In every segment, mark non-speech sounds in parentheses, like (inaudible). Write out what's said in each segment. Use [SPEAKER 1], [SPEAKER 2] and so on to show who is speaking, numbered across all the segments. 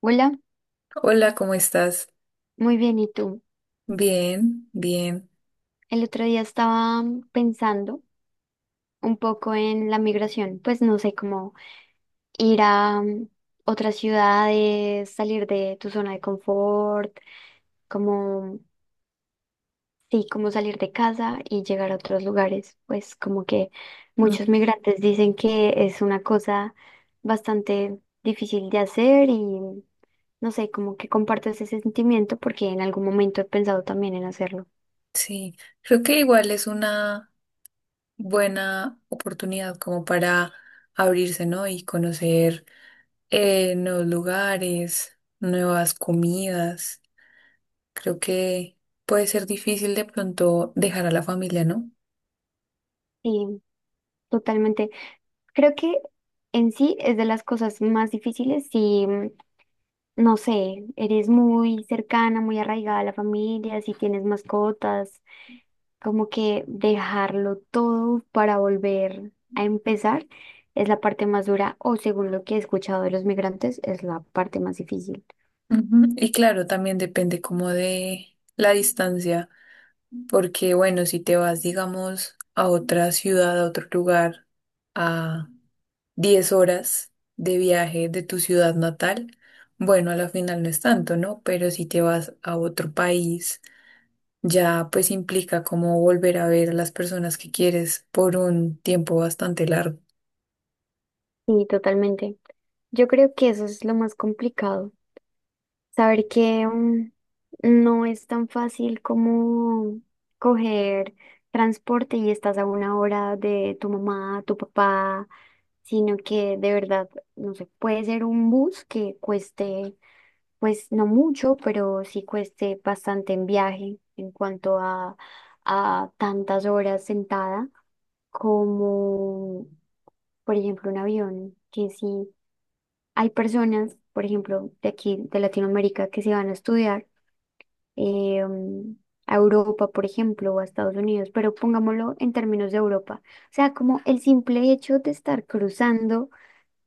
[SPEAKER 1] Hola,
[SPEAKER 2] Hola, ¿cómo estás?
[SPEAKER 1] muy bien, ¿y tú?
[SPEAKER 2] Bien, bien.
[SPEAKER 1] El otro día estaba pensando un poco en la migración, pues no sé cómo ir a otras ciudades, salir de tu zona de confort, como, sí, como salir de casa y llegar a otros lugares, pues como que
[SPEAKER 2] Mm,
[SPEAKER 1] muchos migrantes dicen que es una cosa bastante difícil de hacer y no sé, como que comparto ese sentimiento porque en algún momento he pensado también en hacerlo.
[SPEAKER 2] sí, creo que igual es una buena oportunidad como para abrirse, ¿no? Y conocer nuevos lugares, nuevas comidas. Creo que puede ser difícil de pronto dejar a la familia, ¿no?
[SPEAKER 1] Totalmente. Creo que en sí es de las cosas más difíciles si, no sé, eres muy cercana, muy arraigada a la familia, si tienes mascotas, como que dejarlo todo para volver a empezar es la parte más dura o según lo que he escuchado de los migrantes es la parte más difícil.
[SPEAKER 2] Ujú. Y claro, también depende como de la distancia, porque bueno, si te vas, digamos, a otra ciudad, a otro lugar, a 10 horas de viaje de tu ciudad natal, bueno, a la final no es tanto, ¿no? Pero si te vas a otro país, ya pues implica como volver a ver a las personas que quieres por un tiempo bastante largo.
[SPEAKER 1] Sí, totalmente. Yo creo que eso es lo más complicado. Saber que no es tan fácil como coger transporte y estás a una hora de tu mamá, tu papá, sino que de verdad, no sé, puede ser un bus que cueste, pues no mucho, pero sí cueste bastante en viaje en cuanto a tantas horas sentada como, por ejemplo, un avión, que sí. Hay personas, por ejemplo, de aquí, de Latinoamérica, que se van a estudiar eh, mm, a Europa, por ejemplo, o a Estados Unidos, pero pongámoslo en términos de Europa. O sea, como el simple hecho de estar cruzando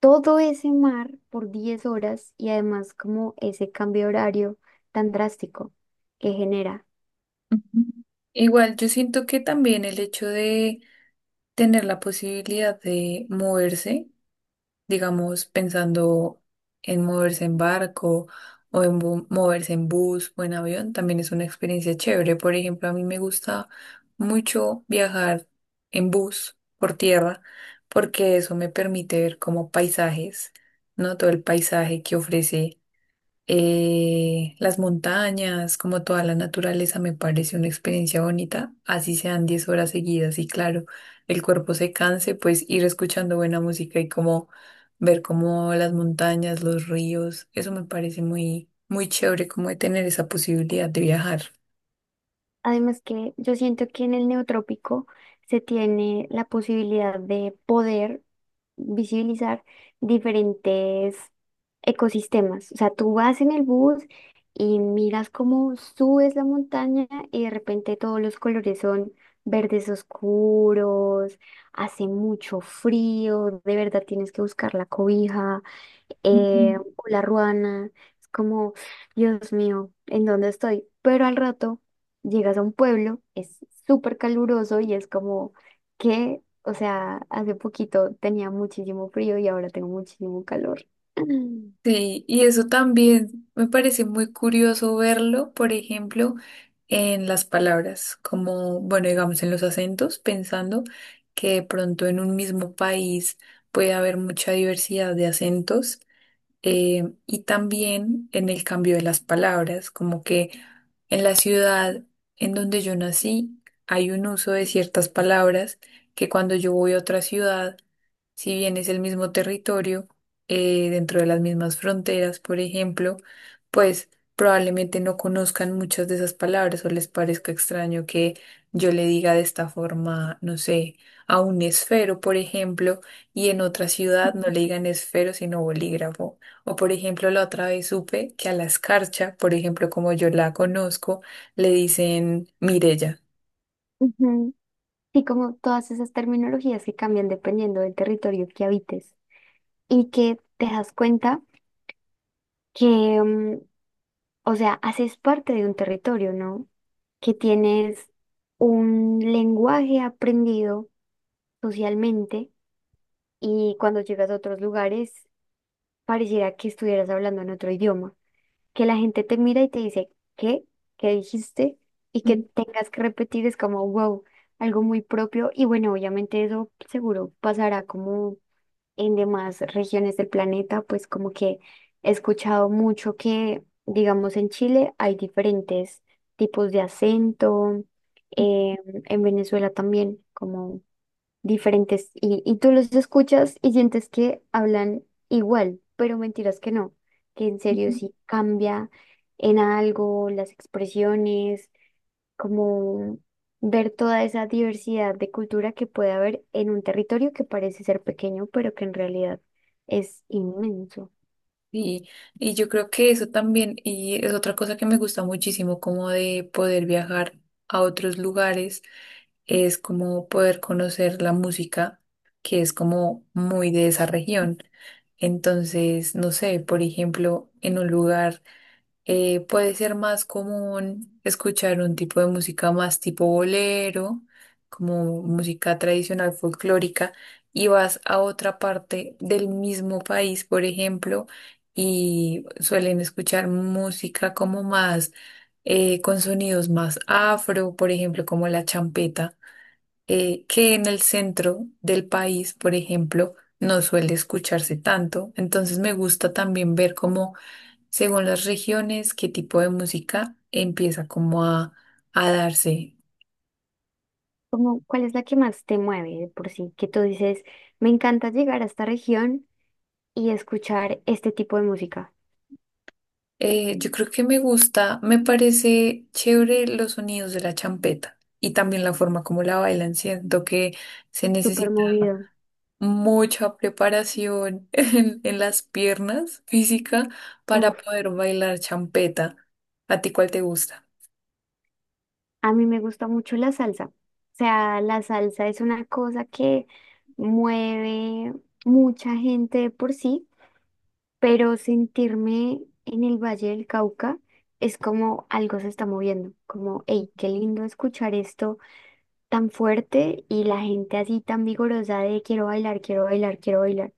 [SPEAKER 1] todo ese mar por 10 horas y además como ese cambio de horario tan drástico que genera.
[SPEAKER 2] Ujú. Igual, yo siento que también el hecho de tener la posibilidad de moverse digamos, pensando en moverse en barco o en moverse en bus o en avión, también es una experiencia chévere. Por ejemplo, a mí me gusta mucho viajar en bus por tierra porque eso me permite ver como paisajes, ¿no? Todo el paisaje que ofrece las montañas, como toda la naturaleza, me parece una experiencia bonita, así sean 10 horas seguidas y claro, el cuerpo se canse, pues ir escuchando buena música y como ver como las montañas, los ríos, eso me parece muy, muy chévere como de tener esa posibilidad de viajar.
[SPEAKER 1] Además que yo siento que en el neotrópico se tiene la posibilidad de poder visibilizar diferentes ecosistemas. O sea, tú vas en el bus y miras cómo subes la montaña y de repente todos los colores son verdes oscuros, hace mucho frío, de verdad tienes que buscar la cobija,
[SPEAKER 2] Ujú.
[SPEAKER 1] hola Ruana, es como, Dios mío, ¿en dónde estoy? Pero al rato llegas a un pueblo, es súper caluroso y es como que, o sea, hace poquito tenía muchísimo frío y ahora tengo muchísimo calor. Mm.
[SPEAKER 2] Sí, y eso también me parece muy curioso verlo, por ejemplo, en las palabras, como, bueno, digamos en los acentos, pensando que de pronto en un mismo país puede haber mucha diversidad de acentos, y también en el cambio de las palabras, como que en la ciudad en donde yo nací hay un uso de ciertas palabras que cuando yo voy a otra ciudad si bien es el mismo territorio, dentro de las mismas fronteras, por ejemplo, pues probablemente no conozcan muchas de esas palabras o les parezca extraño que yo le diga de esta forma, no sé, a un esfero, por ejemplo, y en otra ciudad no le
[SPEAKER 1] (laughs)
[SPEAKER 2] digan esfero, sino bolígrafo. O por ejemplo, la otra vez supe que a la escarcha, por ejemplo, como yo la conozco, le dicen Mirella.
[SPEAKER 1] Ujú. Y como todas esas terminologías que cambian dependiendo del territorio que habites y que te das cuenta que, o sea, haces parte de un territorio, ¿no? Que tienes un lenguaje aprendido socialmente y cuando llegas a otros lugares pareciera que estuvieras hablando en otro idioma, que la gente te mira y te dice, ¿qué? ¿Qué dijiste? Y que tengas que repetir es como, wow, algo muy propio y bueno, obviamente eso seguro pasará como en demás regiones del planeta, pues como que he escuchado mucho que, digamos, en Chile hay diferentes tipos de acento, eh, en Venezuela también, como diferentes, y tú los escuchas y sientes que hablan igual, pero mentiras que no, que en serio sí cambia en algo las expresiones como ver toda esa diversidad de cultura que puede haber en un territorio que parece ser pequeño, pero que en realidad es inmenso.
[SPEAKER 2] Y, y yo creo que eso también, y es otra cosa que me gusta muchísimo, como de poder viajar a otros lugares, es como poder conocer la música, que es como muy de esa región. Entonces, no sé, por ejemplo, en un lugar puede ser más común escuchar un tipo de música más tipo bolero, como música tradicional folclórica, y vas a otra parte del mismo país, por ejemplo, y suelen escuchar música como más con sonidos más afro, por ejemplo, como la champeta, que en el centro del país, por ejemplo, no suele escucharse tanto. Entonces me gusta también ver cómo según las regiones, qué tipo de música empieza como a darse.
[SPEAKER 1] Como, ¿cuál es la que más te mueve de por sí? Que tú dices, me encanta llegar a esta región y escuchar este tipo de música.
[SPEAKER 2] Yo creo que me gusta, me parece chévere los sonidos de la champeta y también la forma como la bailan. Siento que se
[SPEAKER 1] Súper
[SPEAKER 2] necesita
[SPEAKER 1] movido.
[SPEAKER 2] mucha preparación (laughs) en las piernas física para
[SPEAKER 1] Uf,
[SPEAKER 2] poder bailar champeta. ¿A ti cuál te gusta?
[SPEAKER 1] a mí me gusta mucho la salsa. O sea, la salsa es una cosa que mueve mucha gente de por sí, pero sentirme en el Valle del Cauca es como algo se está moviendo, como, hey, qué lindo escuchar esto tan fuerte y la gente así tan vigorosa de quiero bailar, quiero bailar, quiero bailar.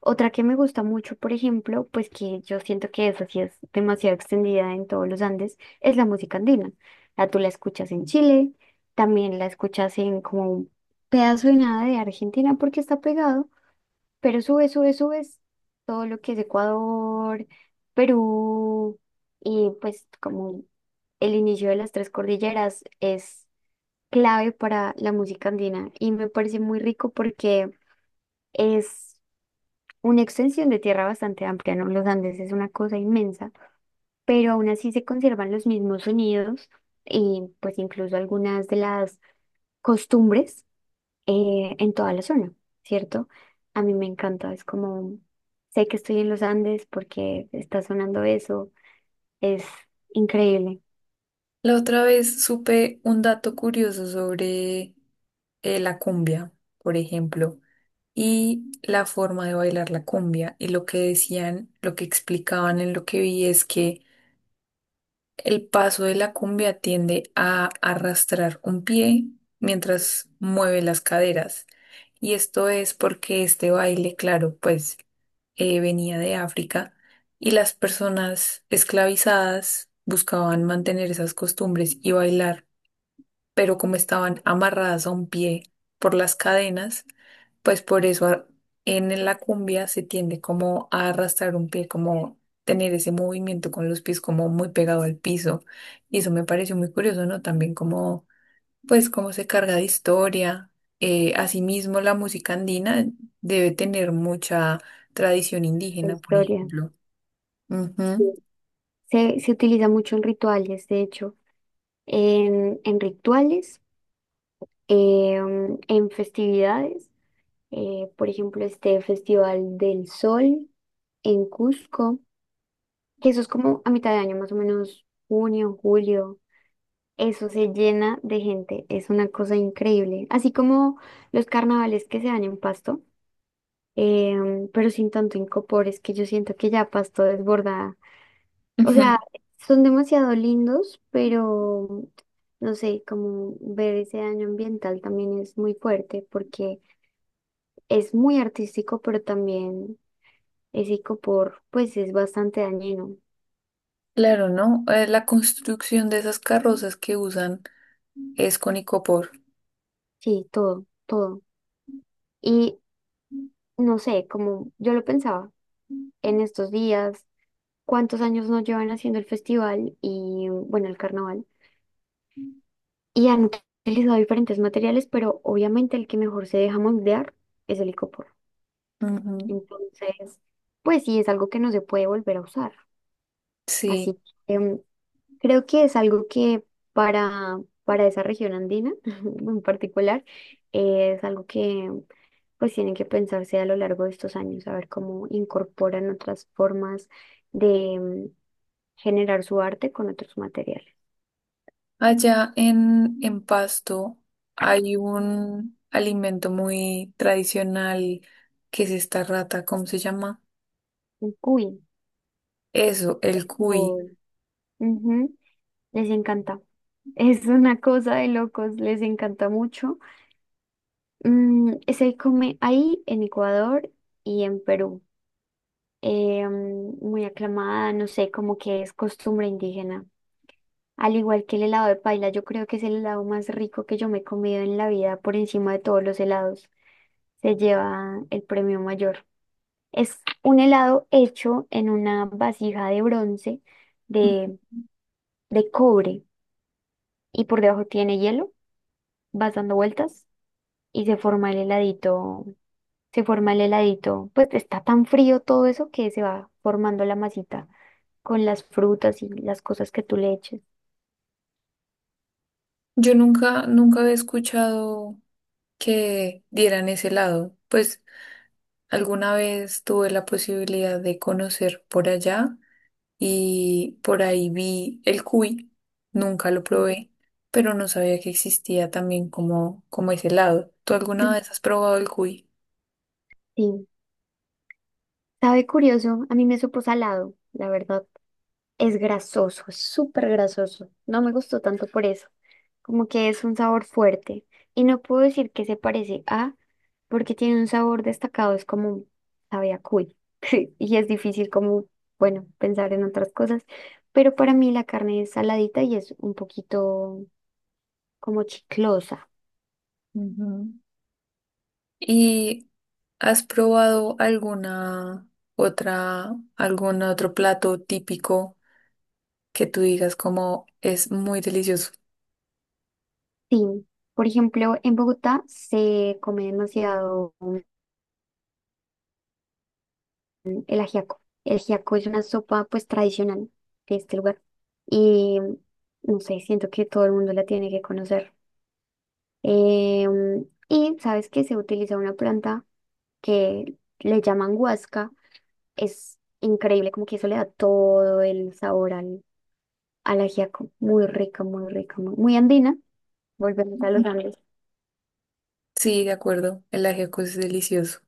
[SPEAKER 1] Otra que me gusta mucho, por ejemplo, pues que yo siento que eso sí es demasiado extendida en todos los Andes, es la música andina. La tú la escuchas en Chile, también la escuchas en como un pedazo de nada de Argentina porque está pegado. Pero sube, sube, subes todo lo que es Ecuador, Perú, y pues como el inicio de las tres cordilleras es clave para la música andina y me parece muy rico porque es una extensión de tierra bastante amplia, ¿no? Los Andes es una cosa inmensa, pero aún así se conservan los mismos sonidos y pues incluso algunas de las costumbres, en toda la zona, ¿cierto? A mí me encanta, es como, sé que estoy en los Andes porque está sonando eso, es increíble
[SPEAKER 2] La otra vez supe un dato curioso sobre la cumbia, por ejemplo, y la forma de bailar la cumbia. Y lo que decían, lo que explicaban en lo que vi es que el paso de la cumbia tiende a arrastrar un pie mientras mueve las caderas. Y esto es porque este baile, claro, pues venía de África y las personas esclavizadas buscaban mantener esas costumbres y bailar pero como estaban amarradas a un pie por las cadenas, pues por eso en la cumbia se tiende como a arrastrar un pie, como tener ese movimiento con los pies como muy pegado al piso. Y eso me pareció muy curioso, ¿no? También como, pues, cómo se carga de historia. Asimismo, la música andina debe tener mucha tradición
[SPEAKER 1] la
[SPEAKER 2] indígena, por
[SPEAKER 1] historia.
[SPEAKER 2] ejemplo.
[SPEAKER 1] Sí.
[SPEAKER 2] Ujú.
[SPEAKER 1] Se utiliza mucho en rituales, de hecho, en rituales, eh, en festividades, por ejemplo, este Festival del Sol en Cusco, que eso es como a mitad de año, más o menos junio, julio. Eso se llena de gente, es una cosa increíble. Así como los carnavales que se dan en Pasto, pero sin tanto incopor, es que yo siento que ya Pasto desborda. O sea,
[SPEAKER 2] Ujú.
[SPEAKER 1] son demasiado lindos, pero no sé, como ver ese daño ambiental también es muy fuerte porque es muy artístico, pero también ese incopor, pues es bastante dañino.
[SPEAKER 2] Claro, ¿no? La construcción de esas carrozas que usan es con icopor.
[SPEAKER 1] Sí, todo, todo. Y no sé, como yo lo pensaba en estos días. Cuántos años nos llevan haciendo el festival y, bueno, el carnaval. Y han utilizado diferentes materiales, pero obviamente el que mejor se deja moldear es el icopor.
[SPEAKER 2] Ujú.
[SPEAKER 1] Entonces, pues sí, es algo que no se puede volver a usar. Así
[SPEAKER 2] Sí,
[SPEAKER 1] que creo que es algo que para esa región andina (laughs) en particular, es algo que pues tienen que pensarse a lo largo de estos años, a ver cómo incorporan otras formas de generar su arte con otros materiales.
[SPEAKER 2] allá en Pasto hay un alimento muy tradicional que es esta rata, ¿cómo se llama?
[SPEAKER 1] Uy.
[SPEAKER 2] Eso, el cuy.
[SPEAKER 1] Uy. Ujú. Les encanta. Es una cosa de locos, les encanta mucho. Se come ahí en Ecuador y en Perú. Muy aclamada, no sé, como que es costumbre indígena. Al igual que el helado de paila, yo creo que es el helado más rico que yo me he comido en la vida por encima de todos los helados. Se lleva el premio mayor. Es un helado hecho en una vasija de bronce de, de cobre y por debajo tiene hielo, vas dando vueltas y se forma el heladito, se forma el heladito, pues está tan frío todo eso que se va formando la masita con las frutas y las cosas que tú le eches.
[SPEAKER 2] Yo nunca, nunca había escuchado que dieran ese lado. Pues alguna vez tuve la posibilidad de conocer por allá y por ahí vi el cuy, nunca lo
[SPEAKER 1] Mm.
[SPEAKER 2] probé, pero no sabía que existía también como, como ese helado. ¿Tú alguna
[SPEAKER 1] Mm.
[SPEAKER 2] vez has probado el cuy?
[SPEAKER 1] Sí, sabe curioso, a mí me supo salado, la verdad. Es grasoso, es súper grasoso. No me gustó tanto por eso. Como que es un sabor fuerte. Y no puedo decir que se parece a, porque tiene un sabor destacado, es como sabe a cuy. (laughs) Y es difícil como, bueno, pensar en otras cosas. Pero para mí la carne es saladita y es un poquito como chiclosa.
[SPEAKER 2] Ujú. ¿Y has probado alguna otra, algún otro plato típico que tú digas como es muy delicioso?
[SPEAKER 1] Sí. Por ejemplo, en Bogotá se come demasiado, el ajiaco. El ajiaco es una sopa pues tradicional de este lugar. Y no sé, siento que todo el mundo la tiene que conocer. Y sabes que se utiliza una planta que le llaman huasca. Es increíble, como que eso le da todo el sabor al, al ajiaco. Muy rica, muy rica, muy, muy andina. Volvemos a
[SPEAKER 2] Ujú.
[SPEAKER 1] los Andes.
[SPEAKER 2] Sí, de acuerdo, el ajiaco es delicioso.